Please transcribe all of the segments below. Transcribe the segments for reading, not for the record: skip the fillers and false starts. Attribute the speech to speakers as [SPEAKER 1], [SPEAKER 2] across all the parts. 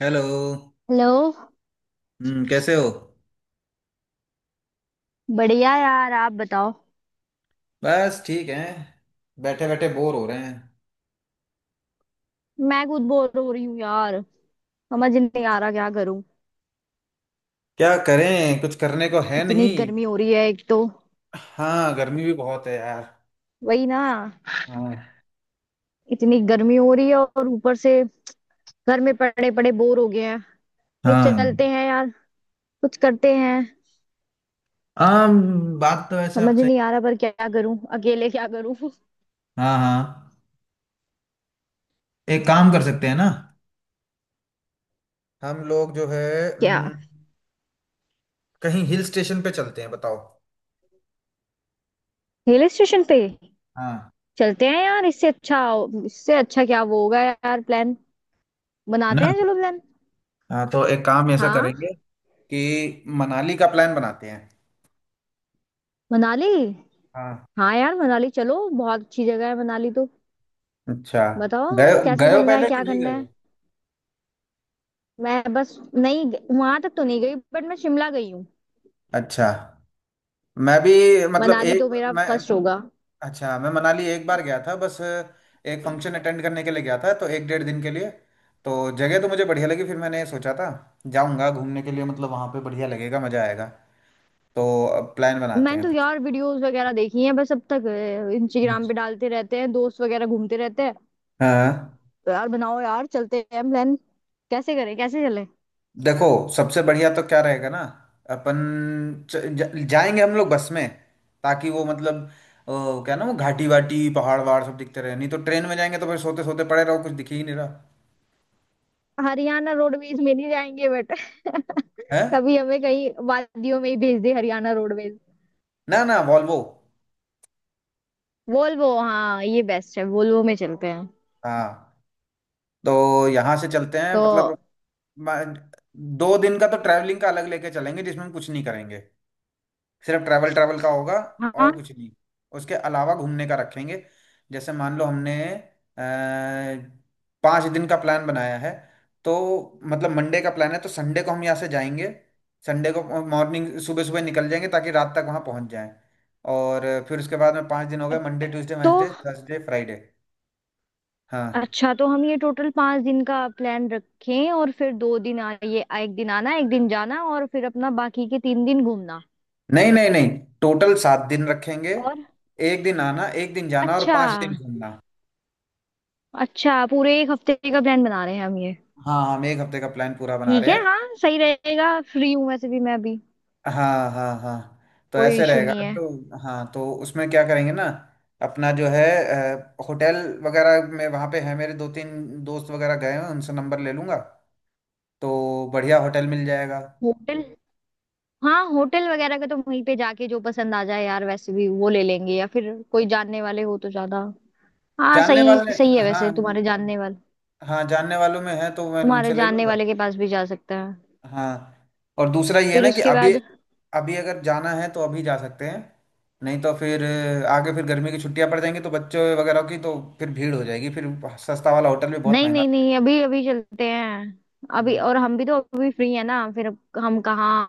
[SPEAKER 1] Hello.
[SPEAKER 2] Hello.
[SPEAKER 1] कैसे हो?
[SPEAKER 2] बढ़िया यार, आप बताओ।
[SPEAKER 1] बस ठीक है। बैठे बैठे बोर हो रहे हैं।
[SPEAKER 2] मैं खुद बोर हो रही हूँ यार, समझ नहीं आ रहा क्या करूं।
[SPEAKER 1] क्या करें? कुछ करने को है
[SPEAKER 2] इतनी
[SPEAKER 1] नहीं।
[SPEAKER 2] गर्मी हो रही है एक तो।
[SPEAKER 1] हाँ, गर्मी भी बहुत है यार।
[SPEAKER 2] वही ना।
[SPEAKER 1] हाँ
[SPEAKER 2] इतनी गर्मी हो रही है और ऊपर से घर में पड़े पड़े बोर हो गए हैं भाई,
[SPEAKER 1] हाँ।
[SPEAKER 2] चलते हैं यार, कुछ करते हैं।
[SPEAKER 1] बात तो वैसे
[SPEAKER 2] समझ
[SPEAKER 1] आप सही।
[SPEAKER 2] नहीं आ रहा पर क्या करूं, अकेले क्या करूं
[SPEAKER 1] हाँ, हाँ। एक काम कर सकते हैं ना। हम लोग जो है।
[SPEAKER 2] क्या?
[SPEAKER 1] हम्म, कहीं हिल स्टेशन पे चलते हैं, बताओ।
[SPEAKER 2] हिल स्टेशन पे?
[SPEAKER 1] हाँ।
[SPEAKER 2] चलते हैं यार, इससे अच्छा, इससे अच्छा क्या वो होगा यार प्लान।
[SPEAKER 1] है
[SPEAKER 2] बनाते
[SPEAKER 1] ना।
[SPEAKER 2] हैं चलो प्लान।
[SPEAKER 1] हाँ, तो एक काम ऐसा
[SPEAKER 2] हाँ।
[SPEAKER 1] करेंगे कि मनाली का प्लान बनाते हैं।
[SPEAKER 2] मनाली?
[SPEAKER 1] हाँ।
[SPEAKER 2] हाँ यार, मनाली चलो, बहुत अच्छी जगह है मनाली तो।
[SPEAKER 1] अच्छा।
[SPEAKER 2] बताओ
[SPEAKER 1] गए
[SPEAKER 2] कैसे
[SPEAKER 1] गए हो
[SPEAKER 2] चलना है,
[SPEAKER 1] पहले कि
[SPEAKER 2] क्या
[SPEAKER 1] नहीं गए
[SPEAKER 2] करना है।
[SPEAKER 1] हो?
[SPEAKER 2] मैं बस नहीं, वहां तक तो नहीं गई बट मैं शिमला गई हूँ।
[SPEAKER 1] अच्छा। मैं भी। मतलब
[SPEAKER 2] मनाली
[SPEAKER 1] एक।
[SPEAKER 2] तो मेरा
[SPEAKER 1] मैं।
[SPEAKER 2] फर्स्ट होगा।
[SPEAKER 1] अच्छा, मैं मनाली एक बार गया था, बस एक फंक्शन अटेंड करने के लिए गया था, तो एक 1.5 दिन के लिए। तो जगह तो मुझे बढ़िया लगी, फिर मैंने सोचा था जाऊंगा घूमने के लिए, मतलब वहां पे बढ़िया लगेगा, मजा आएगा। तो अब प्लान बनाते
[SPEAKER 2] मैंने
[SPEAKER 1] हैं
[SPEAKER 2] तो
[SPEAKER 1] फिर।
[SPEAKER 2] यार वीडियोस वगैरह देखी हैं बस अब तक,
[SPEAKER 1] हम्म।
[SPEAKER 2] इंस्टाग्राम पे डालते रहते हैं दोस्त वगैरह, घूमते रहते हैं।
[SPEAKER 1] हाँ।
[SPEAKER 2] तो यार बनाओ यार चलते हैं प्लान, कैसे करें कैसे चले।
[SPEAKER 1] देखो, सबसे बढ़िया तो क्या रहेगा ना। अपन जाएंगे हम लोग बस में, ताकि वो मतलब क्या ना वो घाटी वाटी पहाड़ वहाड़ सब दिखते रहे, नहीं तो ट्रेन में जाएंगे तो फिर सोते सोते पड़े रहो, कुछ दिख ही नहीं रहा।
[SPEAKER 2] हरियाणा रोडवेज में नहीं जाएंगे बट
[SPEAKER 1] है
[SPEAKER 2] कभी हमें कहीं वादियों में ही भेज दे हरियाणा रोडवेज।
[SPEAKER 1] ना, ना वॉल्वो।
[SPEAKER 2] वोल्वो, हाँ ये बेस्ट है, वोल्वो में चलते हैं।
[SPEAKER 1] हाँ। तो यहाँ से चलते हैं
[SPEAKER 2] तो,
[SPEAKER 1] मतलब। मैं- 2 दिन का तो ट्रैवलिंग का अलग लेके चलेंगे, जिसमें हम कुछ नहीं करेंगे, सिर्फ ट्रैवल ट्रैवल का होगा।
[SPEAKER 2] हाँ
[SPEAKER 1] और कुछ नहीं। उसके अलावा घूमने का रखेंगे। जैसे मान लो हमने अ, 5 दिन का प्लान बनाया है। तो मतलब मंडे का प्लान है तो संडे को हम यहाँ से जाएंगे। संडे को मॉर्निंग, सुबह सुबह निकल जाएंगे ताकि रात तक वहाँ पहुँच जाएं। और फिर उसके बाद में 5 दिन हो गए — मंडे, ट्यूसडे,
[SPEAKER 2] तो
[SPEAKER 1] वेंसडे, थर्सडे, फ्राइडे। हाँ।
[SPEAKER 2] अच्छा, तो हम ये टोटल 5 दिन का प्लान रखें और फिर 2 दिन एक दिन आना, एक दिन जाना, और फिर अपना बाकी के 3 दिन घूमना।
[SPEAKER 1] नहीं, नहीं, नहीं, टोटल 7 दिन रखेंगे।
[SPEAKER 2] और?
[SPEAKER 1] एक दिन आना, एक दिन जाना, और
[SPEAKER 2] अच्छा।
[SPEAKER 1] 5 दिन घूमना।
[SPEAKER 2] अच्छा पूरे एक हफ्ते का प्लान बना रहे हैं हम ये।
[SPEAKER 1] हाँ, हम एक हफ्ते का प्लान पूरा बना
[SPEAKER 2] ठीक
[SPEAKER 1] रहे
[SPEAKER 2] है,
[SPEAKER 1] हैं।
[SPEAKER 2] हाँ सही रहेगा, फ्री हूँ वैसे भी मैं अभी।
[SPEAKER 1] हाँ, हाँ, हाँ, तो
[SPEAKER 2] कोई
[SPEAKER 1] ऐसे
[SPEAKER 2] इशू
[SPEAKER 1] रहेगा।
[SPEAKER 2] नहीं है।
[SPEAKER 1] तो हाँ, तो उसमें क्या करेंगे ना। अपना जो है होटल वगैरह में वहाँ पे है, मेरे दो तीन दोस्त वगैरह गए हैं, उनसे नंबर ले लूँगा। तो बढ़िया होटल मिल जाएगा।
[SPEAKER 2] होटल। हाँ, होटल वगैरह का तो वहीं पे जाके जो पसंद आ जाए यार वैसे भी वो ले लेंगे, या फिर कोई जानने वाले हो तो ज्यादा। हाँ,
[SPEAKER 1] जानने
[SPEAKER 2] सही
[SPEAKER 1] वाले।
[SPEAKER 2] सही है
[SPEAKER 1] हाँ,
[SPEAKER 2] वैसे तुम्हारे जानने वाले।
[SPEAKER 1] हाँ, जानने वालों में है तो मैं
[SPEAKER 2] तुम्हारे
[SPEAKER 1] उनसे ले
[SPEAKER 2] जानने
[SPEAKER 1] लूँगा।
[SPEAKER 2] वाले के पास भी जा सकते हैं।
[SPEAKER 1] हाँ, और दूसरा ये है
[SPEAKER 2] फिर
[SPEAKER 1] ना कि
[SPEAKER 2] उसके
[SPEAKER 1] अभी।
[SPEAKER 2] बाद।
[SPEAKER 1] अभी अगर जाना है तो अभी जा सकते हैं, नहीं तो फिर आगे फिर गर्मी की छुट्टियां पड़ जाएंगी तो बच्चों वगैरह की, तो फिर भीड़ हो जाएगी फिर। सस्ता वाला होटल भी बहुत
[SPEAKER 2] नहीं
[SPEAKER 1] महंगा।
[SPEAKER 2] नहीं नहीं, अभी अभी चलते हैं, अभी,
[SPEAKER 1] हम्म।
[SPEAKER 2] और हम भी तो अभी फ्री है ना फिर। हम कहाँ?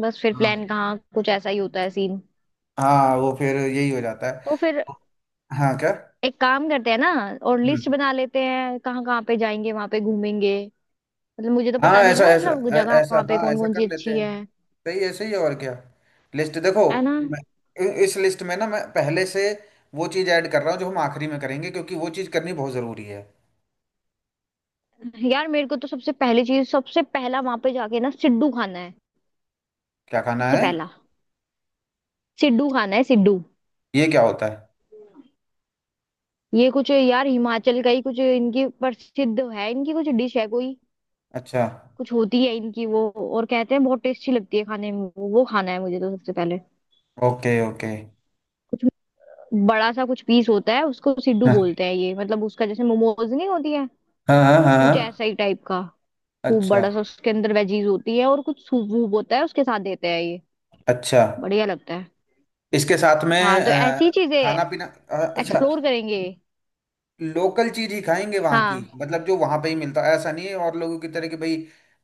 [SPEAKER 2] बस फिर
[SPEAKER 1] हाँ,
[SPEAKER 2] प्लान कहाँ, कुछ ऐसा ही होता है सीन।
[SPEAKER 1] हाँ, वो फिर यही हो जाता
[SPEAKER 2] तो
[SPEAKER 1] है।
[SPEAKER 2] फिर
[SPEAKER 1] हाँ, क्या?
[SPEAKER 2] एक काम करते हैं ना, और लिस्ट
[SPEAKER 1] हम्म।
[SPEAKER 2] बना लेते हैं कहाँ कहाँ पे जाएंगे वहां पे, घूमेंगे। मतलब मुझे तो
[SPEAKER 1] हाँ,
[SPEAKER 2] पता नहीं
[SPEAKER 1] ऐसा
[SPEAKER 2] ना,
[SPEAKER 1] ऐसा
[SPEAKER 2] मतलब वो जगह
[SPEAKER 1] ऐसा,
[SPEAKER 2] वहां पे
[SPEAKER 1] हाँ
[SPEAKER 2] कौन
[SPEAKER 1] ऐसा
[SPEAKER 2] कौन
[SPEAKER 1] कर
[SPEAKER 2] सी
[SPEAKER 1] लेते
[SPEAKER 2] अच्छी
[SPEAKER 1] हैं।
[SPEAKER 2] है।
[SPEAKER 1] सही, ऐसे ही है और क्या। लिस्ट देखो।
[SPEAKER 2] है ना।
[SPEAKER 1] मैं इस लिस्ट में ना मैं पहले से वो चीज़ ऐड कर रहा हूँ जो हम आखिरी में करेंगे, क्योंकि वो चीज़ करनी बहुत ज़रूरी है।
[SPEAKER 2] यार मेरे को तो सबसे पहली चीज, सबसे पहला वहां पे जाके ना सिड्डू खाना है।
[SPEAKER 1] क्या खाना
[SPEAKER 2] सबसे
[SPEAKER 1] है?
[SPEAKER 2] पहला सिड्डू खाना है सिड्डू।
[SPEAKER 1] ये क्या होता है?
[SPEAKER 2] ये कुछ यार हिमाचल का ही कुछ, इनकी प्रसिद्ध है, इनकी कुछ डिश है कोई,
[SPEAKER 1] अच्छा।
[SPEAKER 2] कुछ होती है इनकी वो। और कहते हैं बहुत टेस्टी लगती है खाने में, वो खाना है मुझे तो सबसे पहले।
[SPEAKER 1] Okay, okay.
[SPEAKER 2] कुछ बड़ा सा कुछ पीस होता है, उसको सिड्डू
[SPEAKER 1] हाँ,
[SPEAKER 2] बोलते हैं ये, मतलब उसका जैसे मोमोज नहीं होती है,
[SPEAKER 1] हाँ, हाँ, हाँ,
[SPEAKER 2] कुछ
[SPEAKER 1] हाँ,
[SPEAKER 2] ऐसा ही टाइप का। खूब
[SPEAKER 1] अच्छा,
[SPEAKER 2] बड़ा सा, उसके अंदर वेजीज होती है और कुछ सूप वूप होता है उसके साथ देते हैं ये।
[SPEAKER 1] अच्छा।
[SPEAKER 2] बढ़िया लगता है।
[SPEAKER 1] इसके साथ में
[SPEAKER 2] हाँ तो ऐसी चीजें
[SPEAKER 1] खाना पीना अच्छा।
[SPEAKER 2] एक्सप्लोर करेंगे।
[SPEAKER 1] लोकल चीज ही खाएंगे वहाँ की,
[SPEAKER 2] हाँ,
[SPEAKER 1] मतलब जो वहाँ पे ही मिलता है, ऐसा नहीं है और लोगों की तरह कि भाई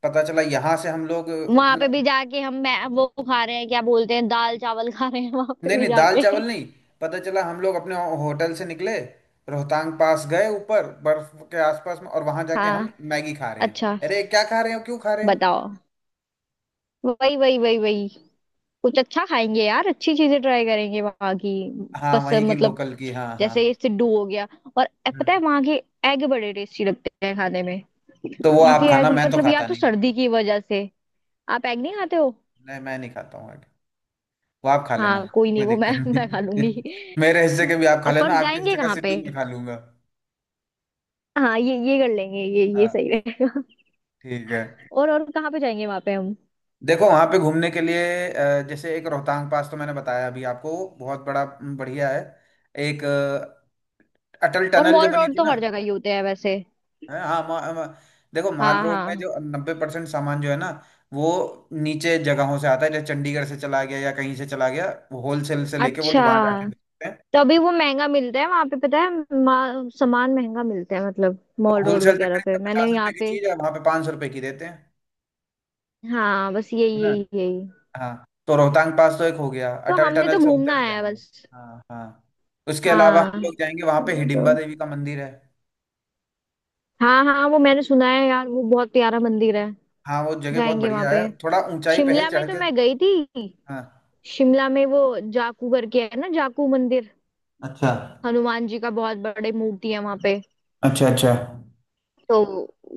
[SPEAKER 1] पता चला यहाँ से हम लोग
[SPEAKER 2] वहां पे
[SPEAKER 1] अपना।
[SPEAKER 2] भी जाके हम, मैं वो खा रहे हैं क्या, बोलते हैं दाल चावल खा रहे हैं वहां पे
[SPEAKER 1] नहीं,
[SPEAKER 2] भी
[SPEAKER 1] नहीं, दाल
[SPEAKER 2] जाके।
[SPEAKER 1] चावल नहीं। पता चला हम लोग अपने होटल से निकले, रोहतांग पास गए ऊपर बर्फ के आसपास में, और वहाँ जाके
[SPEAKER 2] हाँ।
[SPEAKER 1] हम मैगी खा रहे हैं,
[SPEAKER 2] अच्छा।
[SPEAKER 1] अरे क्या खा रहे हो, क्यों खा रहे हैं।
[SPEAKER 2] बताओ। वही वही वही वही, कुछ अच्छा खाएंगे यार, अच्छी चीजें ट्राई करेंगे वहां की।
[SPEAKER 1] हाँ,
[SPEAKER 2] बस
[SPEAKER 1] वहीं की
[SPEAKER 2] मतलब,
[SPEAKER 1] लोकल की, हाँ, हाँ।
[SPEAKER 2] जैसे सिड्डू हो गया। और पता है
[SPEAKER 1] हम्म।
[SPEAKER 2] वहां के एग बड़े टेस्टी लगते हैं खाने में।
[SPEAKER 1] तो वो
[SPEAKER 2] वहां के
[SPEAKER 1] आप खाना,
[SPEAKER 2] एग
[SPEAKER 1] मैं तो
[SPEAKER 2] मतलब, या
[SPEAKER 1] खाता
[SPEAKER 2] तो
[SPEAKER 1] नहीं हूँ।
[SPEAKER 2] सर्दी की वजह से। आप एग नहीं खाते हो?
[SPEAKER 1] नहीं, मैं नहीं खाता हूँ आगे, वो आप खा लेना।
[SPEAKER 2] हाँ कोई नहीं,
[SPEAKER 1] कोई
[SPEAKER 2] वो मैं
[SPEAKER 1] दिक्कत
[SPEAKER 2] मैं खा
[SPEAKER 1] नहीं।
[SPEAKER 2] लूंगी।
[SPEAKER 1] मेरे हिस्से के भी आप खा
[SPEAKER 2] और
[SPEAKER 1] लेना,
[SPEAKER 2] पर
[SPEAKER 1] आपके
[SPEAKER 2] जाएंगे
[SPEAKER 1] हिस्से का
[SPEAKER 2] कहाँ पे?
[SPEAKER 1] सिड्डू मैं खा लूंगा।
[SPEAKER 2] हाँ ये कर लेंगे, ये
[SPEAKER 1] हाँ।
[SPEAKER 2] सही रहेगा।
[SPEAKER 1] ठीक है।
[SPEAKER 2] और कहाँ पे जाएंगे वहां पे हम?
[SPEAKER 1] देखो वहां पे घूमने के लिए, जैसे एक रोहतांग पास तो मैंने बताया अभी आपको, बहुत बड़ा बढ़िया है। एक अटल
[SPEAKER 2] और
[SPEAKER 1] टनल जो
[SPEAKER 2] मॉल
[SPEAKER 1] बनी
[SPEAKER 2] रोड
[SPEAKER 1] थी
[SPEAKER 2] तो
[SPEAKER 1] ना।
[SPEAKER 2] हर जगह ही होते हैं वैसे।
[SPEAKER 1] है, हाँ, मा, मा, देखो माल
[SPEAKER 2] हाँ
[SPEAKER 1] रोड में
[SPEAKER 2] हाँ।
[SPEAKER 1] जो 90% सामान जो है ना, वो नीचे जगहों से आता है, जैसे चंडीगढ़ से चला गया या कहीं से चला गया, वो होलसेल से लेके वो
[SPEAKER 2] अच्छा,
[SPEAKER 1] लोग वहां जाके बेचते हैं।
[SPEAKER 2] तभी वो महंगा मिलता है वहां पे, पता है। सामान महंगा मिलता है मतलब,
[SPEAKER 1] तो
[SPEAKER 2] मॉल रोड
[SPEAKER 1] होलसेल से
[SPEAKER 2] वगैरह पे
[SPEAKER 1] खरीदते पचास
[SPEAKER 2] मैंने
[SPEAKER 1] रुपए
[SPEAKER 2] यहाँ
[SPEAKER 1] की
[SPEAKER 2] पे।
[SPEAKER 1] चीज है, वहां पे 500 रुपए की देते हैं।
[SPEAKER 2] हाँ बस
[SPEAKER 1] है
[SPEAKER 2] यही
[SPEAKER 1] ना।
[SPEAKER 2] यही यही।
[SPEAKER 1] हाँ, तो रोहतांग पास तो एक हो गया,
[SPEAKER 2] तो
[SPEAKER 1] अटल
[SPEAKER 2] हमने तो
[SPEAKER 1] टनल से होते
[SPEAKER 2] घूमना
[SPEAKER 1] हुए
[SPEAKER 2] आया है
[SPEAKER 1] जाएंगे।
[SPEAKER 2] बस।
[SPEAKER 1] हाँ, हाँ, उसके अलावा
[SPEAKER 2] हाँ
[SPEAKER 1] हम लोग जाएंगे वहां पे,
[SPEAKER 2] हमने
[SPEAKER 1] हिडिंबा
[SPEAKER 2] तो,
[SPEAKER 1] देवी का मंदिर है।
[SPEAKER 2] हाँ हाँ वो मैंने सुना है यार, वो बहुत प्यारा मंदिर है।
[SPEAKER 1] हाँ, वो जगह बहुत
[SPEAKER 2] जाएंगे वहां
[SPEAKER 1] बढ़िया
[SPEAKER 2] पे।
[SPEAKER 1] है, थोड़ा ऊंचाई पे है
[SPEAKER 2] शिमला में
[SPEAKER 1] चढ़
[SPEAKER 2] तो
[SPEAKER 1] के।
[SPEAKER 2] मैं गई थी।
[SPEAKER 1] हाँ।
[SPEAKER 2] शिमला में वो जाकू करके है ना, जाकू मंदिर।
[SPEAKER 1] अच्छा,
[SPEAKER 2] हनुमान जी का बहुत बड़े मूर्ति है वहां पे।
[SPEAKER 1] अच्छा। अच्छा,
[SPEAKER 2] तो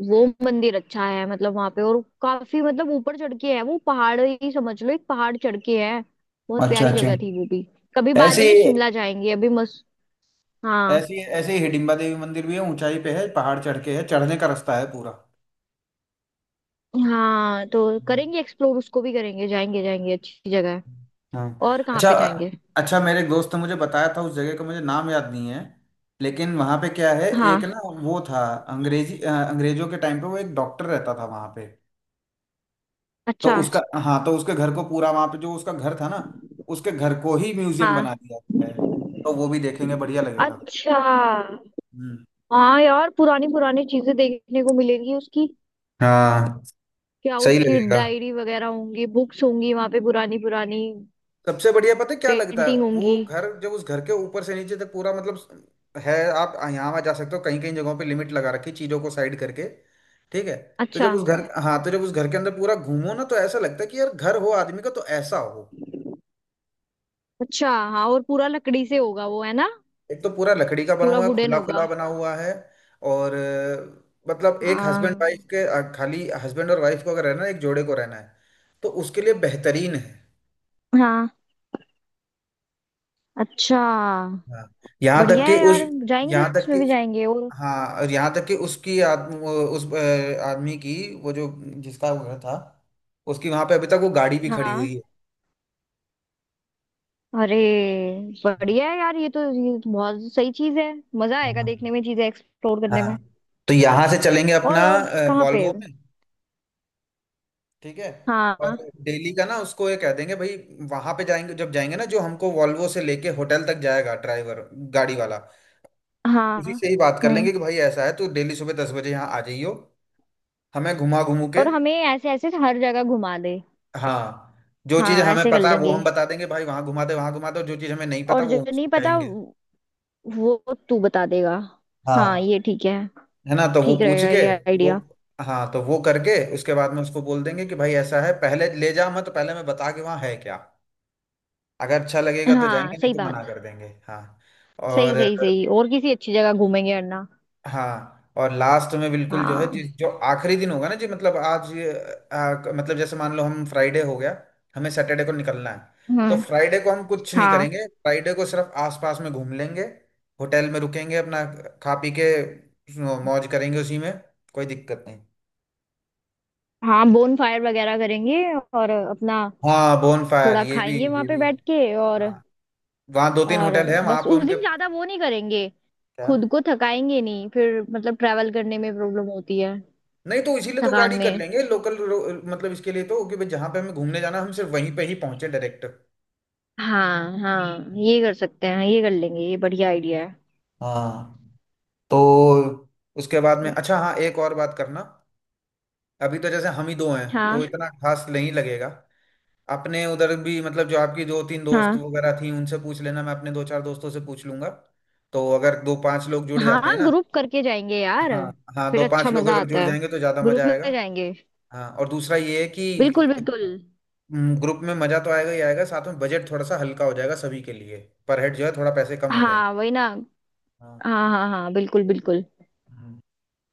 [SPEAKER 2] वो मंदिर अच्छा है मतलब वहां पे, और काफी मतलब ऊपर चढ़ के है, वो पहाड़ ही समझ लो, एक पहाड़ चढ़ के है। बहुत
[SPEAKER 1] अच्छा,
[SPEAKER 2] प्यारी
[SPEAKER 1] अच्छा।
[SPEAKER 2] जगह थी वो भी। कभी बाद
[SPEAKER 1] ऐसे
[SPEAKER 2] में शिमला जाएंगे, अभी मस्त। हाँ।
[SPEAKER 1] ऐसे ऐसे ही हिडिंबा देवी मंदिर भी है, ऊंचाई पे है, पहाड़ चढ़ के है, चढ़ने का रास्ता है पूरा।
[SPEAKER 2] हाँ तो करेंगे एक्सप्लोर, उसको भी करेंगे, जाएंगे जाएंगे, अच्छी जगह है।
[SPEAKER 1] हाँ।
[SPEAKER 2] और कहाँ
[SPEAKER 1] अच्छा,
[SPEAKER 2] पे जाएंगे?
[SPEAKER 1] अच्छा, मेरे एक दोस्त ने मुझे बताया था, उस जगह का मुझे नाम याद नहीं है। लेकिन वहाँ पे क्या है, एक
[SPEAKER 2] हाँ।
[SPEAKER 1] ना वो था अंग्रेजी, अंग्रेजों के टाइम पे वो एक डॉक्टर रहता था वहाँ पे। तो
[SPEAKER 2] अच्छा।
[SPEAKER 1] उसका, हाँ, तो उसके घर को पूरा, वहाँ पे जो उसका घर था ना, उसके घर को ही म्यूजियम बना
[SPEAKER 2] हाँ।
[SPEAKER 1] दिया गया है। तो वो भी देखेंगे, बढ़िया लगेगा।
[SPEAKER 2] अच्छा।
[SPEAKER 1] हम्म।
[SPEAKER 2] हाँ यार, पुरानी पुरानी चीजें देखने को मिलेंगी उसकी,
[SPEAKER 1] हाँ,
[SPEAKER 2] क्या
[SPEAKER 1] सही
[SPEAKER 2] उसकी
[SPEAKER 1] लगेगा।
[SPEAKER 2] डायरी वगैरह होंगी, बुक्स होंगी वहां पे, पुरानी पुरानी
[SPEAKER 1] सबसे बढ़िया पता है क्या लगता है,
[SPEAKER 2] पेंटिंग
[SPEAKER 1] वो
[SPEAKER 2] होंगी।
[SPEAKER 1] घर जब उस घर के ऊपर से नीचे तक पूरा, मतलब है, आप यहाँ वहाँ जा सकते हो, कहीं कहीं जगहों पे लिमिट लगा रखी चीजों को साइड करके। ठीक है। तो
[SPEAKER 2] अच्छा
[SPEAKER 1] जब उस घर हाँ, तो जब उस घर के अंदर पूरा घूमो ना तो ऐसा लगता है कि यार घर हो आदमी का तो ऐसा हो।
[SPEAKER 2] अच्छा। हाँ, और पूरा लकड़ी से होगा वो, है ना?
[SPEAKER 1] एक तो पूरा लकड़ी का बना
[SPEAKER 2] पूरा
[SPEAKER 1] हुआ है,
[SPEAKER 2] वुडन
[SPEAKER 1] खुला खुला
[SPEAKER 2] होगा।
[SPEAKER 1] बना हुआ है। और मतलब एक
[SPEAKER 2] हाँ।
[SPEAKER 1] हस्बैंड वाइफ के खाली हस्बैंड और वाइफ को अगर रहना है, एक जोड़े को रहना है, तो उसके लिए बेहतरीन है।
[SPEAKER 2] हाँ। अच्छा।
[SPEAKER 1] हाँ। यहाँ तक
[SPEAKER 2] बढ़िया
[SPEAKER 1] कि
[SPEAKER 2] है
[SPEAKER 1] उस,
[SPEAKER 2] यार, जाएंगे
[SPEAKER 1] यहाँ तक
[SPEAKER 2] उसमें
[SPEAKER 1] कि
[SPEAKER 2] भी जाएंगे, और?
[SPEAKER 1] हाँ, और यहाँ तक कि उसकी उस आदमी की, वो जो जिसका वो घर था, उसकी वहां पे अभी तक वो गाड़ी भी खड़ी
[SPEAKER 2] हाँ।
[SPEAKER 1] हुई है।
[SPEAKER 2] अरे, बढ़िया है यार, ये तो, ये तो बहुत सही चीज है, मजा आएगा
[SPEAKER 1] हाँ।
[SPEAKER 2] देखने में चीजें, एक्सप्लोर करने में।
[SPEAKER 1] हाँ। तो यहाँ से चलेंगे अपना
[SPEAKER 2] और कहाँ पे?
[SPEAKER 1] वॉल्वो में। ठीक है। और
[SPEAKER 2] हाँ।
[SPEAKER 1] डेली का ना उसको ये कह देंगे भाई, वहां पे जाएंगे जब जाएंगे ना, जो हमको वॉल्वो से लेके होटल तक जाएगा ड्राइवर, गाड़ी वाला,
[SPEAKER 2] हाँ।
[SPEAKER 1] उसी से ही बात कर
[SPEAKER 2] हम्म।
[SPEAKER 1] लेंगे कि भाई ऐसा है तो डेली सुबह 10 बजे यहाँ आ जाइयो। हमें घुमा घूमू के।
[SPEAKER 2] और हमें ऐसे ऐसे हर जगह घुमा दे।
[SPEAKER 1] हाँ। जो चीज
[SPEAKER 2] हाँ
[SPEAKER 1] हमें
[SPEAKER 2] ऐसे कर
[SPEAKER 1] पता है वो
[SPEAKER 2] लेंगे,
[SPEAKER 1] हम बता देंगे भाई, वहां घुमा दे वहां घुमा दे, और जो चीज हमें नहीं पता
[SPEAKER 2] और
[SPEAKER 1] वो
[SPEAKER 2] जो
[SPEAKER 1] हम
[SPEAKER 2] नहीं
[SPEAKER 1] उसको
[SPEAKER 2] पता,
[SPEAKER 1] कहेंगे।
[SPEAKER 2] वो तू बता देगा। हाँ
[SPEAKER 1] हाँ।
[SPEAKER 2] ये ठीक है,
[SPEAKER 1] है ना, तो वो
[SPEAKER 2] ठीक
[SPEAKER 1] पूछ
[SPEAKER 2] रहेगा
[SPEAKER 1] के,
[SPEAKER 2] ये
[SPEAKER 1] वो,
[SPEAKER 2] आइडिया।
[SPEAKER 1] हाँ, तो वो करके उसके बाद में उसको बोल देंगे कि भाई ऐसा है, पहले ले जा मत, पहले मैं बता के वहाँ है क्या, अगर अच्छा लगेगा तो
[SPEAKER 2] हाँ
[SPEAKER 1] जाएंगे, नहीं
[SPEAKER 2] सही
[SPEAKER 1] तो मना
[SPEAKER 2] बात,
[SPEAKER 1] कर देंगे। हाँ।
[SPEAKER 2] सही
[SPEAKER 1] और
[SPEAKER 2] सही सही, और किसी अच्छी जगह घूमेंगे वरना।
[SPEAKER 1] हाँ, और लास्ट में बिल्कुल जो है,
[SPEAKER 2] हाँ।
[SPEAKER 1] जिस जो आखिरी दिन होगा ना जी, मतलब आज, मतलब जैसे मान लो हम फ्राइडे हो गया, हमें सैटरडे को निकलना है। तो
[SPEAKER 2] हम्म।
[SPEAKER 1] फ्राइडे को हम कुछ नहीं
[SPEAKER 2] हाँ।
[SPEAKER 1] करेंगे, फ्राइडे को सिर्फ आसपास में घूम लेंगे। होटल में रुकेंगे अपना, खा पी के मौज करेंगे उसी में। कोई दिक्कत नहीं।
[SPEAKER 2] हाँ बोन फायर वगैरह करेंगे और अपना
[SPEAKER 1] हाँ, बोन फायर,
[SPEAKER 2] थोड़ा
[SPEAKER 1] ये भी
[SPEAKER 2] खाएंगे वहां
[SPEAKER 1] ये
[SPEAKER 2] पे
[SPEAKER 1] भी।
[SPEAKER 2] बैठ के,
[SPEAKER 1] हाँ, वहाँ दो तीन
[SPEAKER 2] और
[SPEAKER 1] होटल है वहाँ
[SPEAKER 2] बस,
[SPEAKER 1] पे
[SPEAKER 2] उस
[SPEAKER 1] उनके।
[SPEAKER 2] दिन ज्यादा वो नहीं करेंगे,
[SPEAKER 1] क्या।
[SPEAKER 2] खुद को थकाएंगे नहीं फिर, मतलब ट्रैवल करने में प्रॉब्लम होती है
[SPEAKER 1] नहीं तो इसीलिए तो
[SPEAKER 2] थकान
[SPEAKER 1] गाड़ी कर
[SPEAKER 2] में।
[SPEAKER 1] लेंगे लोकल, मतलब इसके लिए तो, कि भाई जहाँ पे हमें घूमने जाना हम सिर्फ वहीं पे ही पहुंचे, डायरेक्ट।
[SPEAKER 2] हाँ हाँ, ये कर सकते हैं, ये कर लेंगे, ये बढ़िया आइडिया है।
[SPEAKER 1] हाँ। तो उसके बाद में, अच्छा हाँ, एक और बात करना। अभी तो जैसे हम ही दो हैं तो
[SPEAKER 2] हाँ।
[SPEAKER 1] इतना खास नहीं लगेगा। अपने उधर भी मतलब जो आपकी दो तीन दोस्त
[SPEAKER 2] हाँ
[SPEAKER 1] वगैरह थी उनसे पूछ लेना, मैं अपने दो चार दोस्तों से पूछ लूंगा। तो अगर दो पांच लोग जुड़ जाते
[SPEAKER 2] हाँ,
[SPEAKER 1] हैं ना।
[SPEAKER 2] ग्रुप करके जाएंगे यार,
[SPEAKER 1] हाँ, हाँ,
[SPEAKER 2] फिर
[SPEAKER 1] दो पांच
[SPEAKER 2] अच्छा
[SPEAKER 1] लोग
[SPEAKER 2] मजा
[SPEAKER 1] अगर
[SPEAKER 2] आता
[SPEAKER 1] जुड़
[SPEAKER 2] है,
[SPEAKER 1] जाएंगे तो ज्यादा मजा
[SPEAKER 2] ग्रुप में
[SPEAKER 1] आएगा।
[SPEAKER 2] जाएंगे।
[SPEAKER 1] हाँ, और दूसरा ये है कि
[SPEAKER 2] बिल्कुल बिल्कुल।
[SPEAKER 1] ग्रुप में मजा तो आएगा ही आएगा, साथ में बजट थोड़ा सा हल्का हो जाएगा सभी के लिए, पर हेड जो है थोड़ा पैसे कम हो जाएंगे।
[SPEAKER 2] हाँ वही ना।
[SPEAKER 1] हाँ।
[SPEAKER 2] हाँ हाँ हाँ बिल्कुल बिल्कुल।
[SPEAKER 1] हम्म।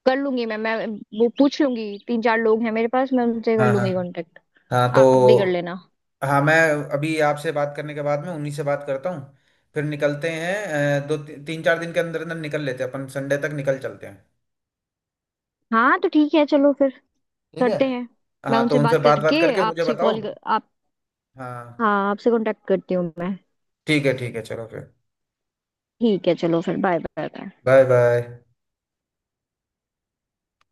[SPEAKER 2] कर लूंगी मैं वो पूछ लूंगी, तीन चार लोग हैं मेरे पास, मैं उनसे कर
[SPEAKER 1] हाँ, हाँ,
[SPEAKER 2] लूंगी कांटेक्ट।
[SPEAKER 1] हाँ, तो
[SPEAKER 2] आप भी कर लेना।
[SPEAKER 1] हाँ, मैं अभी आपसे बात करने के बाद में उन्हीं से बात करता हूँ, फिर निकलते हैं। दो तीन चार दिन के अंदर अंदर निकल लेते हैं अपन, संडे तक निकल चलते हैं।
[SPEAKER 2] हाँ तो ठीक है चलो फिर,
[SPEAKER 1] ठीक है।
[SPEAKER 2] करते हैं। मैं
[SPEAKER 1] हाँ, तो
[SPEAKER 2] उनसे
[SPEAKER 1] उनसे
[SPEAKER 2] बात
[SPEAKER 1] बात बात
[SPEAKER 2] करके
[SPEAKER 1] करके मुझे
[SPEAKER 2] आपसे
[SPEAKER 1] बताओ।
[SPEAKER 2] आप,
[SPEAKER 1] हाँ,
[SPEAKER 2] हाँ आपसे कांटेक्ट करती हूँ मैं।
[SPEAKER 1] ठीक है, ठीक है, चलो फिर,
[SPEAKER 2] ठीक है चलो फिर, bye bye bye.
[SPEAKER 1] Bye bye.